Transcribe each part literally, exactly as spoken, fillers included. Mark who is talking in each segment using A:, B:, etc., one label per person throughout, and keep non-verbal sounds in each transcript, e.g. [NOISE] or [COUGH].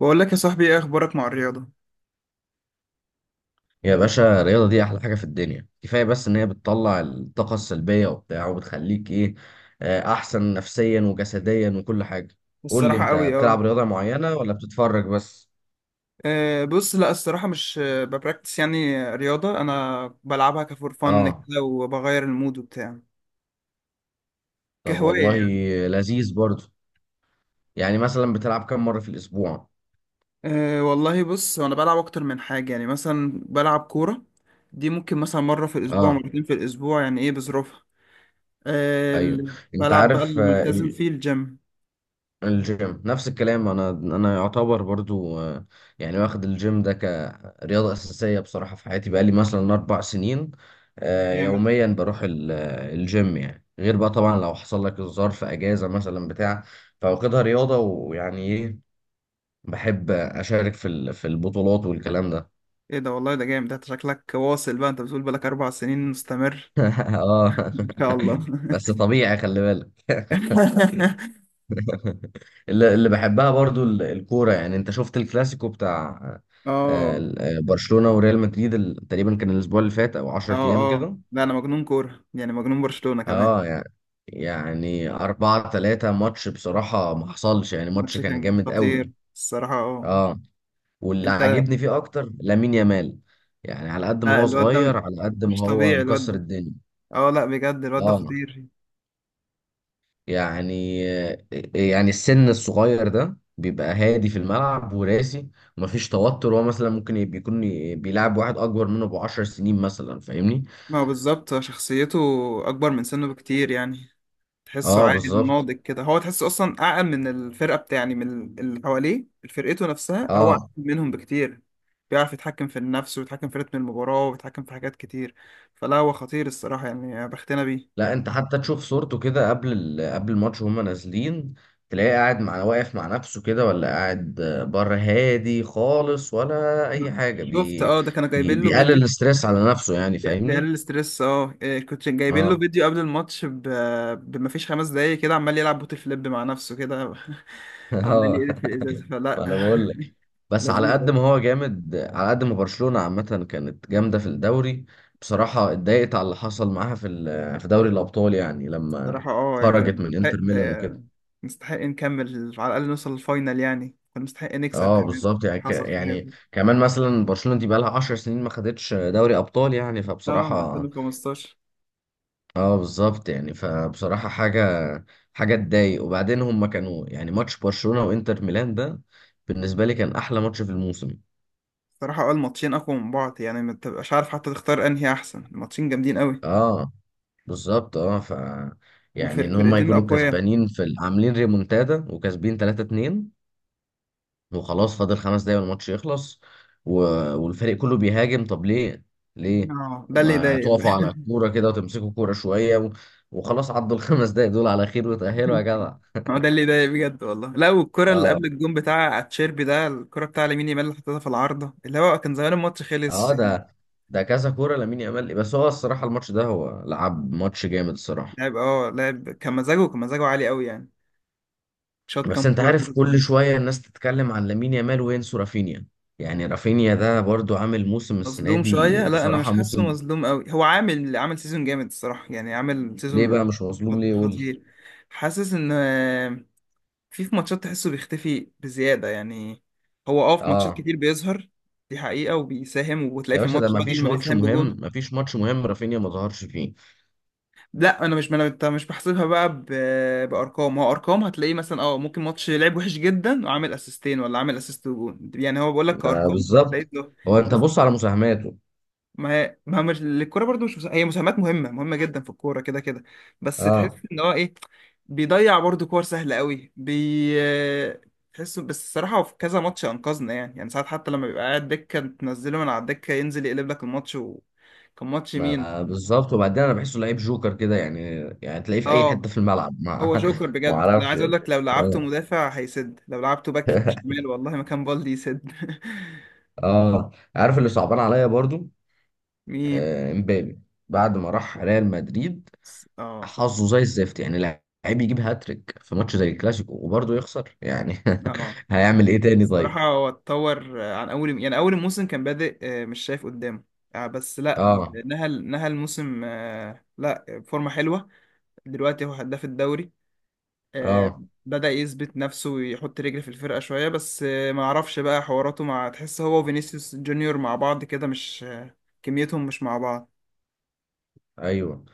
A: بقول لك يا صاحبي، ايه اخبارك مع الرياضه؟
B: يا باشا، الرياضة دي أحلى حاجة في الدنيا. كفاية بس إن هي بتطلع الطاقة السلبية وبتاع، وبتخليك إيه، آه، أحسن نفسيا وجسديا وكل حاجة. قول لي،
A: الصراحه
B: أنت
A: قوي،
B: بتلعب
A: اه.
B: رياضة معينة ولا بتتفرج بس؟
A: آه، بص، لا الصراحه مش آه، ببراكتس، يعني رياضه انا بلعبها كفور فن
B: آه،
A: كده، وبغير المود وبتاع.
B: طب
A: كهوايه
B: والله
A: يعني.
B: لذيذ برضه. يعني مثلا بتلعب كم مرة في الأسبوع؟
A: أه، والله بص، انا بلعب اكتر من حاجه، يعني مثلا بلعب كوره، دي ممكن مثلا مره في الاسبوع،
B: آه،
A: مرتين في الاسبوع، يعني ايه بظروفها. أه،
B: أيوه،
A: ال-
B: أنت
A: بلعب بقى
B: عارف. آه،
A: الملتزم فيه الجيم.
B: الجيم نفس الكلام، انا انا يعتبر برضو، آه، يعني واخد الجيم ده كرياضه اساسيه بصراحه في حياتي، بقالي مثلا اربع سنين. آه،
A: جامد.
B: يوميا بروح ال- آه، الجيم، يعني غير بقى طبعا لو حصل لك ظرف اجازه مثلا بتاع. فواخدها رياضه ويعني ايه، بحب اشارك في ال- في البطولات والكلام ده.
A: ايه ده، والله ده جامد، ده شكلك واصل بقى، انت بتقول بقالك اربع سنين مستمر.
B: [LAUGHS] اه.
A: ان شاء الله.
B: [LAUGHS] بس طبيعي خلي بالك.
A: [LAUGHS]
B: اللي اللي بحبها برضو، ال- الكورة. يعني انت شفت الكلاسيكو بتاع آه،
A: اه.
B: ال- آه، برشلونة وريال مدريد؟ ال- تقريبا كان الاسبوع اللي فات او 10 ايام
A: اه اه،
B: كده.
A: لا انا مجنون كوره، يعني مجنون برشلونه كمان.
B: اه. يعني يعني اربعة تلاتة ماتش بصراحة ما حصلش. يعني ماتش
A: الماتش
B: كان
A: كان
B: جامد
A: خطير
B: قوي.
A: الصراحه، اه.
B: اه، واللي
A: انت.
B: عاجبني فيه اكتر لامين يامال. يعني على قد ما
A: لا
B: هو
A: الواد ده
B: صغير،
A: م-
B: على قد ما
A: مش
B: هو
A: طبيعي الواد
B: مكسر
A: ده.
B: الدنيا.
A: اه لا بجد الواد ده
B: اه.
A: خطير.
B: يعني يعني السن الصغير ده بيبقى هادي في الملعب وراسي ومفيش توتر. هو مثلا ممكن يبقى- يكون بيلعب واحد اكبر منه بعشر سنين مثلا، فاهمني؟
A: ما هو بالظبط شخصيته اكبر من سنه بكتير يعني. تحسه
B: اه
A: عاقل
B: بالظبط.
A: ناضج كده، هو تحسه اصلا اعقل من الفرقه بتاع، يعني من اللي حواليه فرقته نفسها هو اعقل
B: اه،
A: منهم بكتير. بيعرف يتحكم في النفس، ويتحكم في رتم المباراه، ويتحكم في حاجات كتير. فلا هو خطير الصراحه، يعني بختنا بيه.
B: لا انت حتى تشوف صورته كده قبل ال... قبل الماتش وهما نازلين، تلاقيه قاعد مع، واقف مع نفسه كده، ولا قاعد بره، هادي خالص ولا اي حاجه.
A: شفت،
B: بي...
A: اه ده كانوا
B: بي...
A: جايبين له
B: بيقلل
A: فيديو.
B: الاستريس على نفسه، يعني
A: يعني بيقلل
B: فاهمني.
A: الستريس، اه إيه، كنت جايبين له
B: اه.
A: فيديو قبل الماتش ب... بما فيش خمس دقايق كده، عمال يلعب بوت فليب مع نفسه كده،
B: [LAUGHS]
A: [LAUGHS] عمال
B: اه،
A: يقلب في الازازه
B: ما
A: فلا.
B: انا بقول لك.
A: [LAUGHS]
B: بس على
A: لذيذ
B: قد ما
A: أوي.
B: هو جامد، على قد ما برشلونة عامة كانت جامدة في الدوري. بصراحة اتضايقت على اللي حصل معاها في ال- في دوري الأبطال، يعني لما
A: بصراحه، اه يعني كنا
B: خرجت من
A: نستحق،
B: انتر ميلان وكده.
A: آه، نستحق نكمل على الاقل، نوصل للفاينل، يعني كنا نستحق نكسب
B: اه
A: كمان.
B: بالظبط، يعني ك-
A: حصل خير.
B: يعني كمان مثلا برشلونة دي بقالها 10 سنين ما خدتش دوري أبطال، يعني
A: اه، من
B: فبصراحة،
A: ألفين وخمستاشر.
B: اه بالظبط يعني فبصراحة، حاجة حاجة تضايق. وبعدين هم كانوا، يعني ماتش برشلونة وانتر ميلان ده بالنسبة لي كان أحلى ماتش في الموسم.
A: بصراحه اه الماتشين اقوى من بعض، يعني ما تبقاش عارف حتى تختار انهي احسن. الماتشين جامدين قوي.
B: اه بالظبط. اه، ف يعني ان هم
A: وفرقتين
B: يكونوا
A: اقوياء.
B: كسبانين في ال- عاملين ريمونتادا، وكسبين تلاتة اتنين، وخلاص فاضل خمس دقايق والماتش يخلص، و... والفريق كله بيهاجم. طب ليه؟ ليه؟
A: اه، ده اللي
B: ما
A: يضايق بقى.
B: تقفوا على كوره كده وتمسكوا كوره شويه و... وخلاص، عدوا [LAUGHS] الخمس دقايق دول على خير وتأهلوا يا جدع.
A: [LAUGHS] ما هو ده اللي ضايق بجد والله. لا، والكرة اللي
B: اه،
A: قبل الجون بتاع اتشيربي ده، الكرة بتاع لامين يامال اللي حطيتها في العارضة، اللي هو كان زمان الماتش خلص
B: اه.
A: يعني.
B: ده ده كذا كوره لامين يامال. بس هو الصراحه الماتش ده هو لعب ماتش جامد الصراحه.
A: لاعب اه لاعب كان، مزاجه كان مزاجه عالي قوي يعني. شاط
B: بس
A: كام
B: انت
A: كورة
B: عارف، كل
A: برضه.
B: شوية الناس تتكلم عن لامين يامال وينسوا رافينيا. يعني رافينيا ده برضو عامل موسم، السنة
A: مظلوم
B: دي
A: شوية. لا أنا مش
B: بصراحة
A: حاسه
B: موسم.
A: مظلوم قوي، هو عامل عامل سيزون جامد الصراحة، يعني عامل
B: ليه
A: سيزون
B: بقى مش مظلوم،
A: خط-
B: ليه؟ قول لي.
A: خطير. حاسس إن آه، في في ماتشات تحسه بيختفي بزيادة يعني. هو اه في ماتشات
B: اه،
A: كتير بيظهر، دي حقيقة، وبيساهم، وتلاقيه
B: يا
A: في
B: باشا، ده
A: الماتش بدل
B: مفيش
A: ما
B: ماتش
A: بيساهم
B: مهم،
A: بجون.
B: مفيش ماتش مهم رافينيا ما ظهرش فيه.
A: لا انا مش، ما أنا- انت مش بحسبها بقى ب... بارقام، هو ارقام هتلاقيه مثلا اه ممكن ماتش لعب وحش جدا وعامل اسيستين ولا عامل اسيست وجون، يعني هو بقول لك
B: ما
A: كارقام.
B: بالظبط.
A: لقيت له.
B: هو انت
A: بس
B: بص على مساهماته.
A: ما هي ما هي مش الكوره برضو، مش مسا- هي مساهمات مهمه، مهمه جدا في الكوره كده كده. بس تحس
B: اه،
A: ان هو ايه، بيضيع برضو كور سهله قوي بي تحسه، بس الصراحه هو في كذا ماتش انقذنا يعني يعني ساعات حتى لما بيبقى قاعد دكه، تنزله من على الدكه ينزل يقلب لك الماتش. وكان ماتش مين؟
B: ما بالظبط. وبعدين انا بحسه لعيب جوكر كده يعني. يعني تلاقيه في اي حتة
A: اه،
B: في الملعب،
A: هو
B: ما
A: جوكر
B: [LAUGHS] ما
A: بجد، انا
B: اعرفش
A: عايز اقول
B: يعني.
A: لك لو لعبته
B: اه.
A: مدافع هيسد، لو لعبته باك
B: [LAUGHS]
A: شمال والله مكان بالدي يسد. [LAUGHS]
B: اه، عارف اللي صعبان عليا برضو؟
A: مين؟
B: آه، امبابي. بعد ما راح ريال مدريد،
A: س- اه
B: حظه زي الزفت. يعني لعيب يجيب هاتريك في ماتش زي الكلاسيكو وبرضه يخسر، يعني
A: اه
B: [LAUGHS] هيعمل ايه تاني طيب؟
A: الصراحة هو اتطور آه، عن اول، يعني اول الموسم كان بادئ آه، مش شايف قدامه آه، بس لا
B: اه،
A: نهى نهى الموسم آه، لا فورمة حلوة دلوقتي، هو هداف الدوري. آه،
B: اه،
A: بدأ يثبت نفسه ويحط رجل في الفرقة شوية، بس آه، ما اعرفش بقى حواراته مع، تحس هو وفينيسيوس جونيور مع بعض كده مش آه، كميتهم مش مع بعض.
B: ايوه،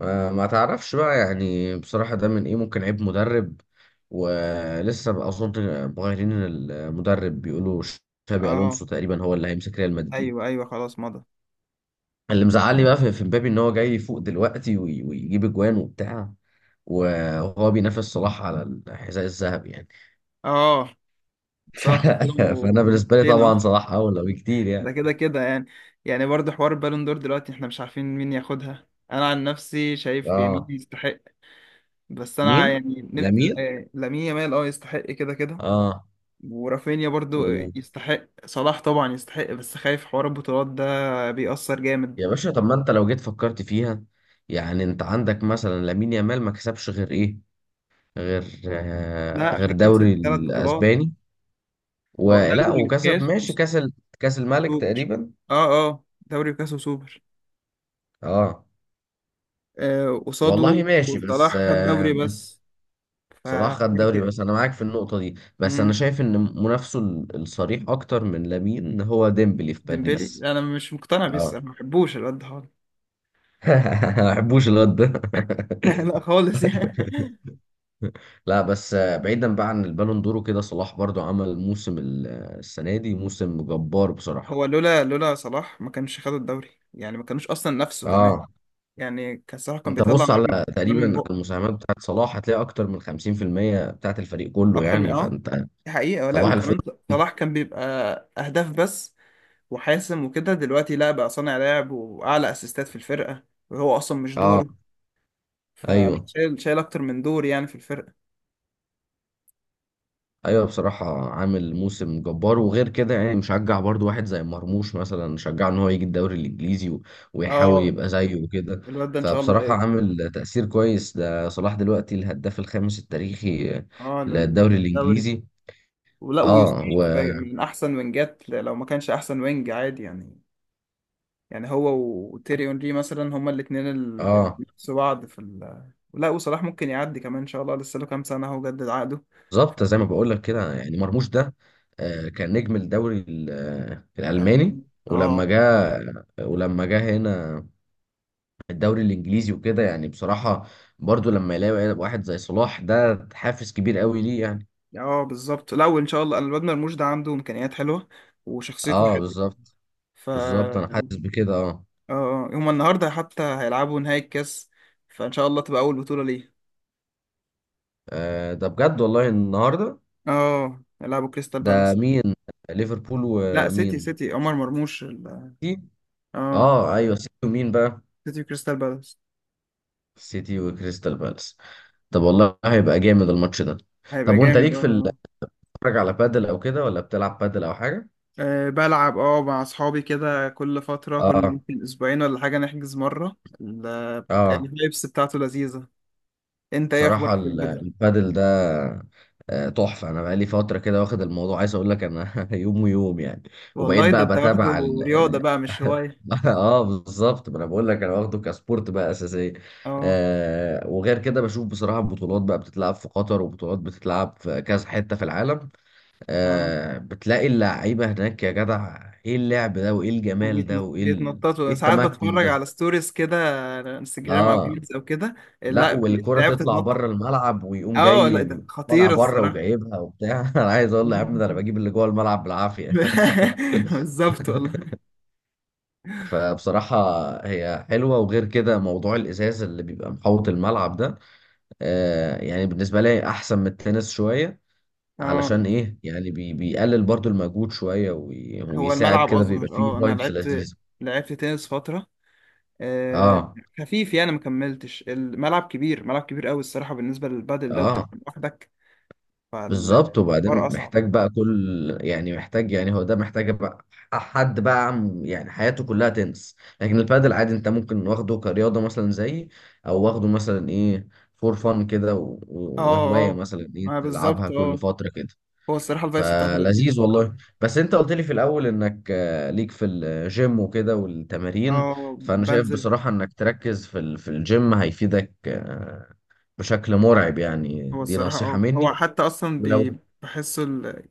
B: آه ما تعرفش بقى، يعني بصراحة ده من ايه؟ ممكن عيب مدرب، ولسه بقى اظن مغيرين المدرب، بيقولوا شابي
A: اه،
B: الونسو تقريبا هو اللي هيمسك ريال مدريد.
A: ايوه ايوه، خلاص مضى.
B: اللي مزعلني بقى في في مبابي، ان هو جاي يفوق دلوقتي وي- ويجيب اجوان وبتاع، وهو بينافس صلاح على الحذاء الذهبي يعني.
A: اه.
B: [LAUGHS]
A: صلاح
B: ف- فانا
A: وسلم
B: بالنسبه لي
A: فين
B: طبعا
A: اهو.
B: صلاح اولى بكتير
A: ده
B: يعني.
A: كده كده يعني. يعني برضه حوار بالون دور دلوقتي، احنا مش عارفين مين ياخدها. انا عن نفسي شايف يمين
B: اه.
A: يستحق، بس انا
B: مين؟
A: يعني نف-
B: لامين.
A: آه، لامين يامال اه يستحق كده كده.
B: اه.
A: ورافينيا برضه.
B: مم.
A: يستحق صلاح طبعا يستحق، بس خايف حوار البطولات ده بيأثر جامد.
B: يا باشا، طب ما انت لو جيت فكرت فيها، يعني انت عندك مثلا لامين يامال ما كسبش غير ايه؟ غير، آه،
A: لا
B: غير دوري
A: كسب ثلاث بطولات.
B: الاسباني
A: هو
B: ولا،
A: دوري
B: وكسب،
A: وكاس
B: ماشي، كاس ال- كاس الملك
A: وسوبر.
B: تقريبا.
A: اه اه دوري وكاس وسوبر،
B: اه
A: آه، قصاده.
B: والله ماشي، بس،
A: صلاح خد
B: آه
A: دوري
B: بس
A: بس.
B: صلاح خد
A: فحوار
B: دوري
A: كده.
B: بس. انا معاك في النقطة دي، بس انا
A: امم
B: شايف ان منافسه ال- الصريح اكتر من لامين هو ديمبلي في
A: ديمبلي،
B: باريس.
A: انا مش مقتنع بيه
B: اه.
A: الصراحة، ما بحبوش الواد ده خالص.
B: [LAUGHS] ما بحبوش الواد ده.
A: [LAUGHS] لا
B: [LAUGHS]
A: خالص يعني.
B: لا بس، آه، بعيدا بقى عن البالون دور وكده، صلاح برضو عمل موسم ال- آه، السنة دي موسم جبار بصراحة.
A: هو لولا لولا صلاح ما كانش خد الدوري، يعني ما كانوش اصلا نفسه كمان.
B: اه،
A: يعني كان صلاح كان
B: انت
A: بيطلع
B: بص
A: نار،
B: على،
A: من نار
B: تقريبا
A: من
B: على
A: بقه.
B: المساهمات بتاعت صلاح هتلاقي اكتر من خمسين في المية بتاعت الفريق كله،
A: اكتر من،
B: يعني
A: اه
B: فانت،
A: دي حقيقة. لا
B: صباح الفل.
A: وكمان صلاح كان بيبقى اهداف بس وحاسم وكده، دلوقتي لا بقى صانع لعب واعلى اسيستات في الفرقة، وهو اصلا مش
B: اه
A: دوره. فلا
B: ايوه،
A: شايل، شايل اكتر من دور يعني في الفرقة.
B: ايوه، بصراحه عامل موسم جبار. وغير كده يعني مشجع برضو واحد زي مرموش مثلا، شجعه ان هو يجي الدوري الانجليزي و- ويحاول
A: اه،
B: يبقى زيه وكده.
A: الواد ده ان شاء الله
B: فبصراحه
A: هيوصل.
B: عامل تاثير كويس. ده صلاح دلوقتي الهداف الخامس التاريخي
A: اه لل-
B: للدوري
A: للدوري.
B: الانجليزي.
A: ولا ويوسف
B: اه، و،
A: من احسن وينجات، لو ما كانش احسن وينج عادي يعني. يعني هو وتيري اونري مثلا هما الاثنين اللي
B: اه
A: بينافسوا بعض في ال... لا وصلاح ممكن يعدي كمان ان شاء الله، لسه له كام سنه اهو جدد عقده.
B: بالظبط. زي ما بقول لك كده، يعني مرموش ده آه، كان نجم الدوري ال- آه، الالماني.
A: الالماني.
B: ولما
A: اه
B: جه ولما جه هنا الدوري الانجليزي وكده، يعني بصراحه برضو لما يلاقي واحد زي صلاح ده حافز كبير قوي ليه، يعني.
A: اه بالظبط. لا وان شاء الله الواد مرموش ده عنده امكانيات حلوه وشخصيته
B: اه
A: حلوه.
B: بالظبط.
A: ف
B: بالظبط، انا حاسس بكده اه.
A: اه، هما النهارده حتى هيلعبوا نهائي الكاس، فان شاء الله تبقى اول بطوله ليه.
B: آه، ده بجد والله النهارده؟
A: اه هيلعبوا كريستال
B: ده
A: بالاس.
B: مين؟ ليفربول
A: لا سيتي
B: ومين؟
A: سيتي عمر مرموش ال...
B: سيتي.
A: اه
B: اه ايوه سيتي، ومين بقى؟
A: سيتي كريستال بالاس.
B: سيتي وكريستال بالاس. طب والله هيبقى جامد الماتش ده.
A: هيبقى
B: طب وانت
A: جامد،
B: ليك في ال-
A: اه.
B: بتتفرج على بادل او كده، ولا بتلعب بادل او حاجه؟
A: آه، آه، بلعب اه مع اصحابي كده كل فترة، كل
B: اه،
A: يمكن اسبوعين ولا حاجة نحجز مرة ال-
B: اه،
A: الفايبس بتاعته لذيذة. انت ايه
B: بصراحة
A: اخبارك في
B: ال-
A: البدل؟
B: البادل ده آه، تحفة. أنا بقالي فترة كده واخد الموضوع، عايز أقول لك أنا [LAUGHS] يوم ويوم يعني. وبقيت
A: والله ده انت
B: بقى
A: واخده.
B: بتابع ال...
A: رياضة
B: ال...
A: بقى مش هواية.
B: [LAUGHS] آه بالظبط. ما أنا بقول لك أنا واخده كسبورت بقى أساسية.
A: اه
B: آه، وغير كده بشوف بصراحة بطولات بقى بتتلعب في قطر، وبطولات بتتلعب في كذا حتة في العالم.
A: اه،
B: آه، بتلاقي اللعيبة هناك، يا جدع إيه اللعب ده وإيه الجمال ده
A: وبيتنط-
B: وإيه ال... إيه
A: بيتنططوا ساعات،
B: التمكن
A: بتفرج
B: ده؟
A: على ستوريز كده على انستجرام او
B: آه،
A: ريلز او كده.
B: لا،
A: لا بي-
B: والكرة
A: لعبة
B: تطلع
A: تتنطط.
B: بره الملعب ويقوم
A: اه لا
B: جاي،
A: ده
B: طالع
A: خطيرة
B: بره
A: الصراحة.
B: وجايبها وبتاع. [LAUGHS] انا عايز اقول له يا عم ده انا بجيب اللي جوه الملعب بالعافية.
A: [LAUGHS]
B: [LAUGHS]
A: بالظبط والله.
B: فبصراحة، هي حلوة. وغير كده موضوع الإزاز اللي بيبقى محوط الملعب ده، آه يعني بالنسبة لي أحسن من التنس شوية.
A: اه،
B: علشان إيه يعني، بي بيقلل برضو المجهود شوية، وي
A: هو
B: ويساعد
A: الملعب
B: كده، بيبقى
A: اصغر.
B: فيه
A: اه، انا
B: فايبس
A: لعبت
B: لذيذة.
A: لعبت تنس فتره، آه،
B: آه،
A: خفيف يعني ما كملتش، الملعب كبير، ملعب كبير قوي الصراحه بالنسبه للبادل ده، وبتلعب
B: آه
A: لوحدك
B: بالظبط.
A: فالحوار
B: وبعدين
A: اصعب.
B: محتاج بقى كل، يعني محتاج، يعني هو ده محتاج بقى حد بقى، عم- يعني حياته كلها تنس. لكن البادل عادي، انت ممكن واخده كرياضة مثلا، زي، او واخده مثلا ايه، فور فن كده و- و-
A: اه
B: وهواية
A: اه،
B: مثلا ايه
A: ما
B: تلعبها
A: بالظبط،
B: كل
A: اه
B: فترة كده.
A: هو الصراحه الفايبس بتاعته لذيذه
B: فلذيذ والله.
A: الصراحه.
B: بس انت قلت لي في الاول انك آه، ليك في الجيم وكده والتمارين.
A: اه،
B: فانا شايف
A: بنزل.
B: بصراحة انك تركز في ال- في الجيم هيفيدك، آه، بشكل مرعب يعني.
A: هو
B: دي
A: الصراحه
B: نصيحة
A: اه هو
B: مني.
A: حتى اصلا بي-
B: ولو
A: بحسه